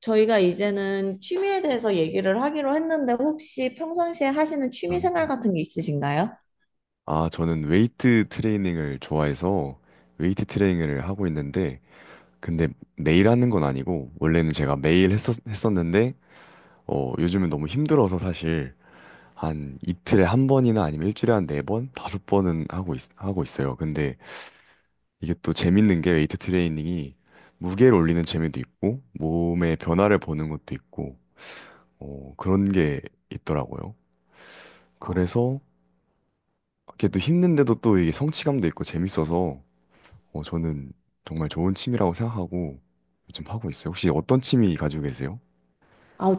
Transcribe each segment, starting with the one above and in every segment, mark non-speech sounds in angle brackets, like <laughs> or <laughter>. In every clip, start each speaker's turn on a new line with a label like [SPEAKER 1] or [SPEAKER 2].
[SPEAKER 1] 저희가 이제는 취미에 대해서 얘기를 하기로 했는데 혹시 평상시에 하시는
[SPEAKER 2] 아,
[SPEAKER 1] 취미 생활 같은 게 있으신가요?
[SPEAKER 2] 아, 저는 웨이트 트레이닝을 좋아해서 웨이트 트레이닝을 하고 있는데, 근데 매일 하는 건 아니고, 원래는 제가 매일 했었는데, 요즘은 너무 힘들어서 사실 한 이틀에 한 번이나 아니면 일주일에 한 네 번, 다섯 번은 하고 있어요. 근데 이게 또 재밌는 게 웨이트 트레이닝이 무게를 올리는 재미도 있고 몸의 변화를 보는 것도 있고 그런 게 있더라고요.
[SPEAKER 1] 어.
[SPEAKER 2] 그래서 이게 또 힘든데도 또 이게 성취감도 있고 재밌어서 저는 정말 좋은 취미라고 생각하고 요즘 하고 있어요. 혹시 어떤 취미 가지고 계세요?
[SPEAKER 1] 아,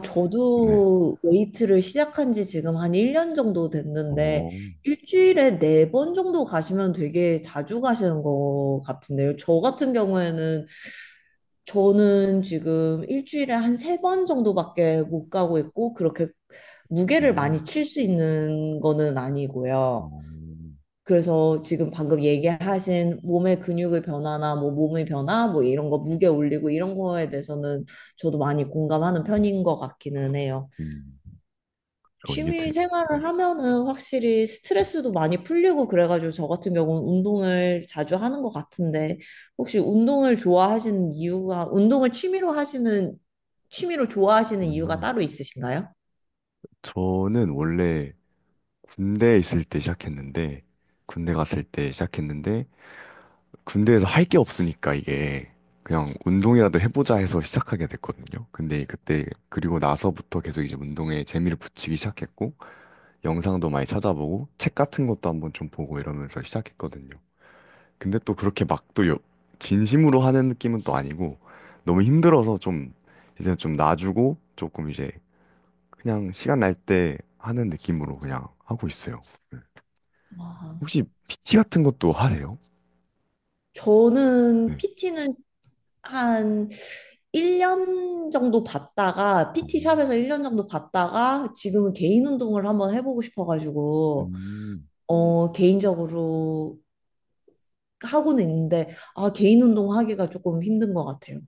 [SPEAKER 2] 네.
[SPEAKER 1] 저도 웨이트를 시작한 지 지금 한 1년 정도 됐는데
[SPEAKER 2] 어,
[SPEAKER 1] 일주일에 4번 정도 가시면 되게 자주 가시는 것 같은데요. 저 같은 경우에는 저는 지금 일주일에 한 세 번 정도밖에 못 가고 있고, 그렇게 무게를
[SPEAKER 2] 음,
[SPEAKER 1] 많이 칠 수 있는 거는
[SPEAKER 2] 어,
[SPEAKER 1] 아니고요. 그래서 지금 방금 얘기하신 몸의 근육의 변화나 뭐 몸의 변화, 뭐 이런 거 무게 올리고 이런 거에 대해서는 저도 많이 공감하는 편인 것 같기는 해요.
[SPEAKER 2] 음, 이게
[SPEAKER 1] 취미
[SPEAKER 2] 네.
[SPEAKER 1] 생활을 하면은 확실히 스트레스도 많이 풀리고 그래가지고 저 같은 경우는 운동을 자주 하는 것 같은데 혹시 운동을 좋아하시는 이유가 운동을 취미로 하시는 취미로 좋아하시는 이유가
[SPEAKER 2] 아,
[SPEAKER 1] 따로 있으신가요?
[SPEAKER 2] 저는 원래 군대에 있을 때 시작했는데, 군대 갔을 때 시작했는데, 군대에서 할 게 없으니까 이게 그냥 운동이라도 해보자 해서 시작하게 됐거든요. 근데 그때 그리고 나서부터 계속 이제 운동에 재미를 붙이기 시작했고 영상도 많이 찾아보고 책 같은 것도 한번 좀 보고 이러면서 시작했거든요. 근데 또 그렇게 막 또 진심으로 하는 느낌은 또 아니고 너무 힘들어서 좀 이제 좀 놔주고 조금 이제 그냥 시간 날 때 하는 느낌으로 그냥 하고 있어요. 네.
[SPEAKER 1] 아,
[SPEAKER 2] 혹시 PT 같은 것도 하세요?
[SPEAKER 1] 저는
[SPEAKER 2] 네.
[SPEAKER 1] PT는 한 1년 정도 받다가 PT 샵에서 1년 정도 받다가 지금은 개인 운동을 한번 해보고 싶어가지고
[SPEAKER 2] 음.
[SPEAKER 1] 어 개인적으로 하고는 있는데 아 개인 운동 하기가 조금 힘든 것 같아요.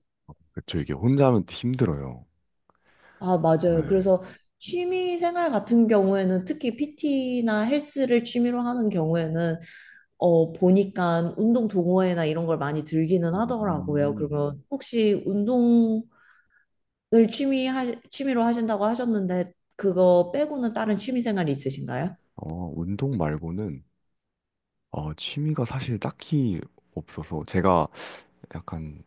[SPEAKER 2] 그렇죠. 이게 혼자 하면 힘들어요.
[SPEAKER 1] 아 맞아요.
[SPEAKER 2] 네.
[SPEAKER 1] 그래서 취미 생활 같은 경우에는 특히 PT나 헬스를 취미로 하는 경우에는 어 보니까 운동 동호회나 이런 걸 많이 들기는
[SPEAKER 2] 음.
[SPEAKER 1] 하더라고요.
[SPEAKER 2] 음.
[SPEAKER 1] 그러면 혹시 운동을 취미로 하신다고 하셨는데 그거 빼고는 다른 취미 생활이 있으신가요?
[SPEAKER 2] 운동 말고는 취미가 사실 딱히 없어서 제가 약간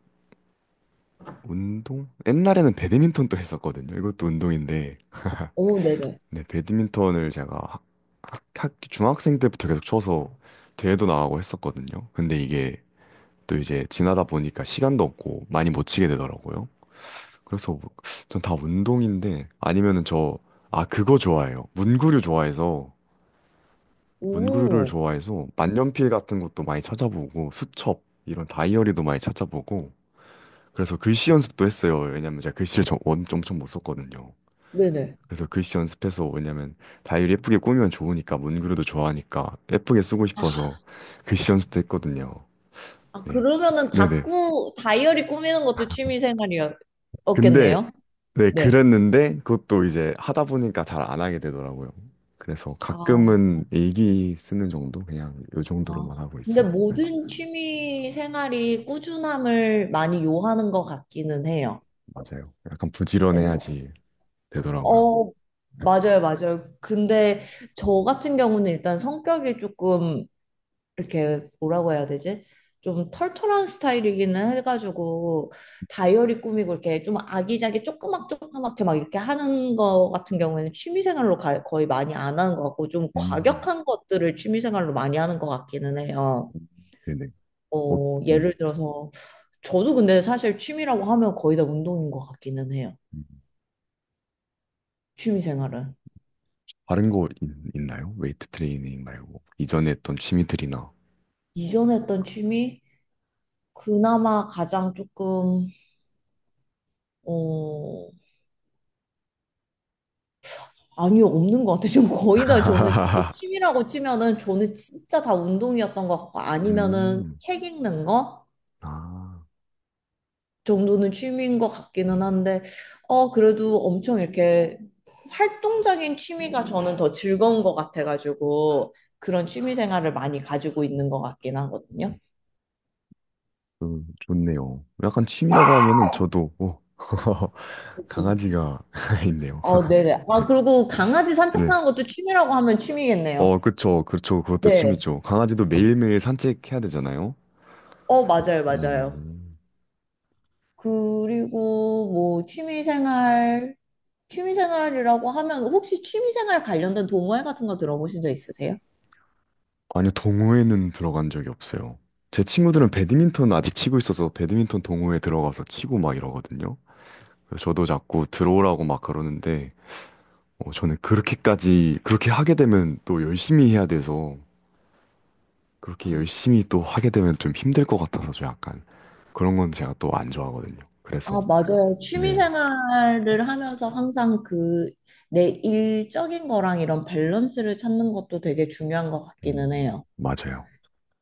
[SPEAKER 2] 운동? 옛날에는 배드민턴도 했었거든요. 이것도 운동인데.
[SPEAKER 1] 오, 네네.
[SPEAKER 2] <laughs> 네, 배드민턴을 제가 중학생 때부터 계속 쳐서 대회도 나가고 했었거든요. 근데 이게 또 이제 지나다 보니까 시간도 없고 많이 못 치게 되더라고요. 그래서 전 다 운동인데 아, 그거 좋아해요. 문구류 좋아해서 문구류를
[SPEAKER 1] 오,
[SPEAKER 2] 좋아해서 만년필 같은 것도 많이 찾아보고 수첩 이런 다이어리도 많이 찾아보고 그래서 글씨 연습도 했어요. 왜냐면 제가 글씨를 엄청 못 썼거든요.
[SPEAKER 1] 네네.
[SPEAKER 2] 그래서 글씨 연습해서 왜냐면 다이어리 예쁘게 꾸미면 좋으니까 문구류도 좋아하니까 예쁘게 쓰고 싶어서 글씨 연습도 했거든요.
[SPEAKER 1] 아,
[SPEAKER 2] 네.
[SPEAKER 1] 그러면은
[SPEAKER 2] 네네.
[SPEAKER 1] 다꾸, 다이어리 꾸미는 것도 취미
[SPEAKER 2] 근데
[SPEAKER 1] 생활이었겠네요?
[SPEAKER 2] 네,
[SPEAKER 1] 네.
[SPEAKER 2] 그랬는데 그것도 이제 하다 보니까 잘 안 하게 되더라고요. 그래서
[SPEAKER 1] 아,
[SPEAKER 2] 가끔은 일기 쓰는 정도? 그냥 요
[SPEAKER 1] 아.
[SPEAKER 2] 정도로만 하고
[SPEAKER 1] 근데
[SPEAKER 2] 있어요. 네.
[SPEAKER 1] 모든 취미 생활이 꾸준함을 많이 요하는 것 같기는 해요.
[SPEAKER 2] 맞아요. 약간
[SPEAKER 1] 네.
[SPEAKER 2] 부지런해야지 되더라고요.
[SPEAKER 1] 어, 맞아요, 맞아요. 근데 저 같은 경우는 일단 성격이 조금 이렇게 뭐라고 해야 되지? 좀 털털한 스타일이기는 해가지고 다이어리 꾸미고 이렇게 좀 아기자기 조그맣게 막 이렇게 하는 거 같은 경우에는 취미생활로 거의 많이 안 하는 것 같고 좀
[SPEAKER 2] 음,
[SPEAKER 1] 과격한 것들을 취미생활로 많이 하는 것 같기는 해요.
[SPEAKER 2] 네네. 어,
[SPEAKER 1] 어,
[SPEAKER 2] 네.
[SPEAKER 1] 예를 들어서, 저도 근데 사실 취미라고 하면 거의 다 운동인 것 같기는 해요.
[SPEAKER 2] 음.
[SPEAKER 1] 취미 생활은.
[SPEAKER 2] 다른 거 있나요? 웨이트 트레이닝 말고 이전에 했던 취미들이나.
[SPEAKER 1] 이전에 했던 취미, 그나마 가장 조금, 어, 아니요, 없는 것 같아요. 지금 거의 다 저는 진짜
[SPEAKER 2] <laughs>
[SPEAKER 1] 취미라고 치면은 저는 진짜 다 운동이었던 것 같고, 아니면은
[SPEAKER 2] 음,
[SPEAKER 1] 책 읽는 거?
[SPEAKER 2] 아,
[SPEAKER 1] 정도는 취미인 것 같기는 한데, 어, 그래도 엄청 이렇게 활동적인 취미가 저는 더 즐거운 것 같아가지고, 그런 취미 생활을 많이 가지고 있는 것 같긴 하거든요.
[SPEAKER 2] 좋네요. 약간 취미라고 하면은 저도 오, <laughs>
[SPEAKER 1] 그쵸.
[SPEAKER 2] 강아지가 <laughs> 있네요.
[SPEAKER 1] 어, 네네. 아, 그리고 강아지
[SPEAKER 2] 네.
[SPEAKER 1] 산책하는 것도 취미라고 하면 취미겠네요.
[SPEAKER 2] 어, 그쵸, 그쵸. 그것도
[SPEAKER 1] 네.
[SPEAKER 2] 취미죠. 강아지도 매일매일 산책해야 되잖아요.
[SPEAKER 1] 어, 맞아요,
[SPEAKER 2] 어,
[SPEAKER 1] 맞아요. 그리고 뭐 취미 생활, 취미 생활이라고 하면 혹시 취미 생활 관련된 동호회 같은 거 들어보신 적 있으세요?
[SPEAKER 2] 아니요, 동호회는 들어간 적이 없어요. 제 친구들은 배드민턴 아직 치고 있어서 배드민턴 동호회 들어가서 치고 막 이러거든요. 그래서 저도 자꾸 들어오라고 막 그러는데, 저는 그렇게까지, 그렇게 하게 되면 또 열심히 해야 돼서, 그렇게 열심히 또 하게 되면 좀 힘들 것 같아서 저 약간 그런 건 제가 또 안 좋아하거든요. 그래서,
[SPEAKER 1] 아, 맞아요. 취미
[SPEAKER 2] 네,
[SPEAKER 1] 생활을 하면서 항상 그 내 일적인 거랑 이런 밸런스를 찾는 것도 되게 중요한 것 같기는
[SPEAKER 2] 음,
[SPEAKER 1] 해요.
[SPEAKER 2] 맞아요.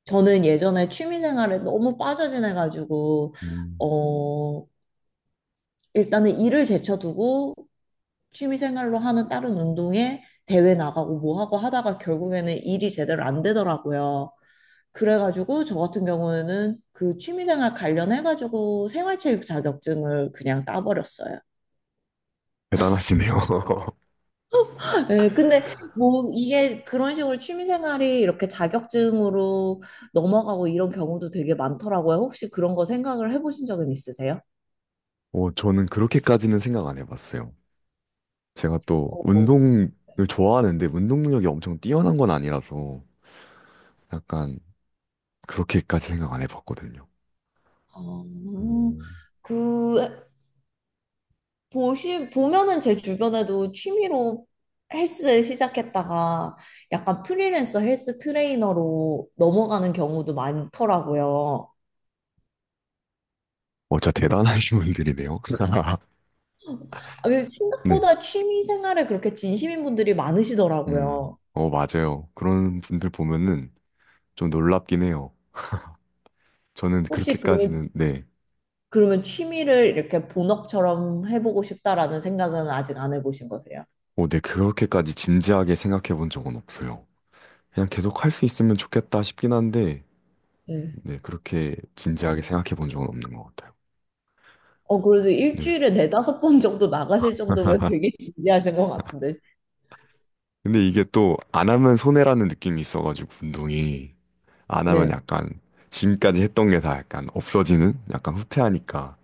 [SPEAKER 1] 저는 예전에 취미 생활에 너무 빠져 지내가지고,
[SPEAKER 2] 음,
[SPEAKER 1] 어, 일단은 일을 제쳐두고 취미 생활로 하는 다른 운동에 대회 나가고 뭐 하고 하다가 결국에는 일이 제대로 안 되더라고요. 그래가지고 저 같은 경우에는 그 취미 생활 관련해가지고 생활체육 자격증을 그냥 따버렸어요.
[SPEAKER 2] 대단하시네요. <laughs>
[SPEAKER 1] 예, 근데 뭐 이게 그런 식으로 취미생활이 이렇게 자격증으로 넘어가고 이런 경우도 되게 많더라고요. 혹시 그런 거 생각을 해보신 적은 있으세요?
[SPEAKER 2] 어, 저는 그렇게까지는 생각 안 해봤어요. 제가 또
[SPEAKER 1] 어,
[SPEAKER 2] 운동을 좋아하는데 운동 능력이 엄청 뛰어난 건 아니라서 약간 그렇게까지 생각 안 해봤거든요.
[SPEAKER 1] 어,
[SPEAKER 2] 오,
[SPEAKER 1] 그 보시 보면은 제 주변에도 취미로 헬스 시작했다가 약간 프리랜서 헬스 트레이너로 넘어가는 경우도 많더라고요.
[SPEAKER 2] 어, 진짜 대단하신 분들이네요. <laughs>
[SPEAKER 1] 아, 왜
[SPEAKER 2] 네.
[SPEAKER 1] 생각보다 취미 생활에 그렇게 진심인 분들이
[SPEAKER 2] 음.
[SPEAKER 1] 많으시더라고요.
[SPEAKER 2] 어, 맞아요. 그런 분들 보면은 좀 놀랍긴 해요. 저는
[SPEAKER 1] 혹시 그러면
[SPEAKER 2] 그렇게까지는, 네.
[SPEAKER 1] 취미를 이렇게 본업처럼 해보고 싶다라는 생각은 아직 안 해보신 거세요?
[SPEAKER 2] 어, 네, 그렇게까지 진지하게 생각해 본 적은 없어요. 그냥 계속 할 수 있으면 좋겠다 싶긴 한데,
[SPEAKER 1] 네.
[SPEAKER 2] 네, 그렇게 진지하게 생각해 본 적은 없는 것 같아요.
[SPEAKER 1] 어, 그래도
[SPEAKER 2] 네.
[SPEAKER 1] 일주일에 네다섯 번 정도 나가실 정도면
[SPEAKER 2] <laughs>
[SPEAKER 1] 되게 진지하신 것 같은데.
[SPEAKER 2] 근데 이게 또 안 하면 손해라는 느낌이 있어가지고 운동이 안 하면
[SPEAKER 1] 네.
[SPEAKER 2] 약간 지금까지 했던 게 다 약간 없어지는 약간 후퇴하니까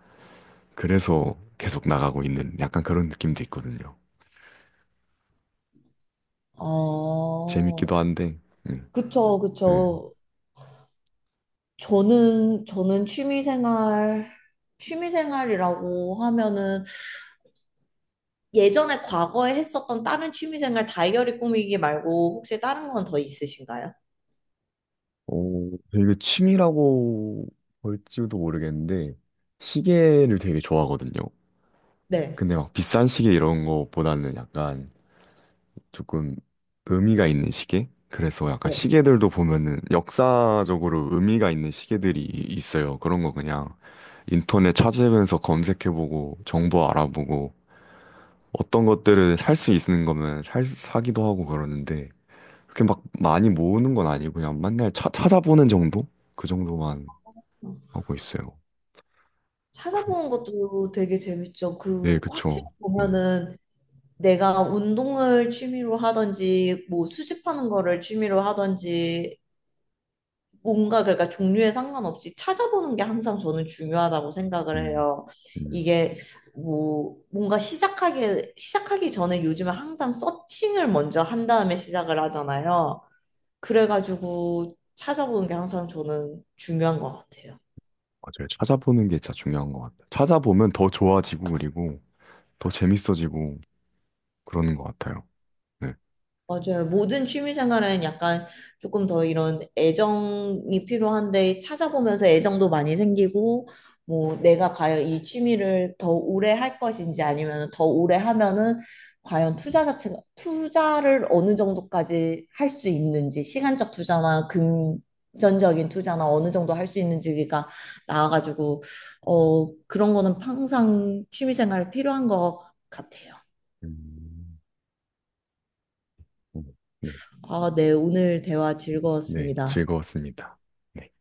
[SPEAKER 2] 그래서 계속 나가고 있는 약간 그런 느낌도 있거든요.
[SPEAKER 1] 어,
[SPEAKER 2] 재밌기도 한데, 음,
[SPEAKER 1] 그쵸,
[SPEAKER 2] 네.
[SPEAKER 1] 그쵸. 저는 취미생활이라고 하면은 예전에 과거에 했었던 다른 취미생활 다이어리 꾸미기 말고 혹시 다른 건 더 있으신가요?
[SPEAKER 2] 어, 되게 취미라고 볼지도 모르겠는데 시계를 되게 좋아하거든요.
[SPEAKER 1] 네.
[SPEAKER 2] 근데 막 비싼 시계 이런 거보다는 약간 조금 의미가 있는 시계? 그래서 약간
[SPEAKER 1] 네.
[SPEAKER 2] 시계들도 보면은 역사적으로 의미가 있는 시계들이 있어요. 그런 거 그냥 인터넷 찾으면서 검색해보고 정보 알아보고 어떤 것들을 살 수 있는 거면 살, 사기도 하고 그러는데 그렇게 막 많이 모으는 건 아니고 그냥 맨날 찾아보는 정도? 그 정도만 하고 있어요. 그,
[SPEAKER 1] 찾아보는 것도 되게 재밌죠.
[SPEAKER 2] 네,
[SPEAKER 1] 그 확실히
[SPEAKER 2] 그쵸. 네.
[SPEAKER 1] 보면은 내가 운동을 취미로 하든지 뭐 수집하는 거를 취미로 하든지 뭔가 그러니까 종류에 상관없이 찾아보는 게 항상 저는 중요하다고 생각을
[SPEAKER 2] 음,
[SPEAKER 1] 해요.
[SPEAKER 2] 음.
[SPEAKER 1] 이게 뭐 뭔가 시작하기 전에 요즘에 항상 서칭을 먼저 한 다음에 시작을 하잖아요. 그래가지고 찾아보는 게 항상 저는 중요한 것 같아요.
[SPEAKER 2] 맞아요. 찾아보는 게 진짜 중요한 것 같아요. 찾아보면 더 좋아지고 그리고 더 재밌어지고 그러는 것 같아요. 네.
[SPEAKER 1] 맞아요. 모든 취미생활은 약간 조금 더 이런 애정이 필요한데 찾아보면서 애정도 많이 생기고 뭐 내가 과연 이 취미를 더 오래 할 것인지 아니면 더 오래 하면은 과연 투자 자체가 투자를 어느 정도까지 할 수 있는지 시간적 투자나 금전적인 투자나 어느 정도 할 수 있는지가 나와가지고 어 그런 거는 항상 취미생활 필요한 것 같아요.
[SPEAKER 2] 음, 음, 네,
[SPEAKER 1] 아, 네. 오늘 대화
[SPEAKER 2] 네,
[SPEAKER 1] 즐거웠습니다.
[SPEAKER 2] 즐거웠습니다. 네.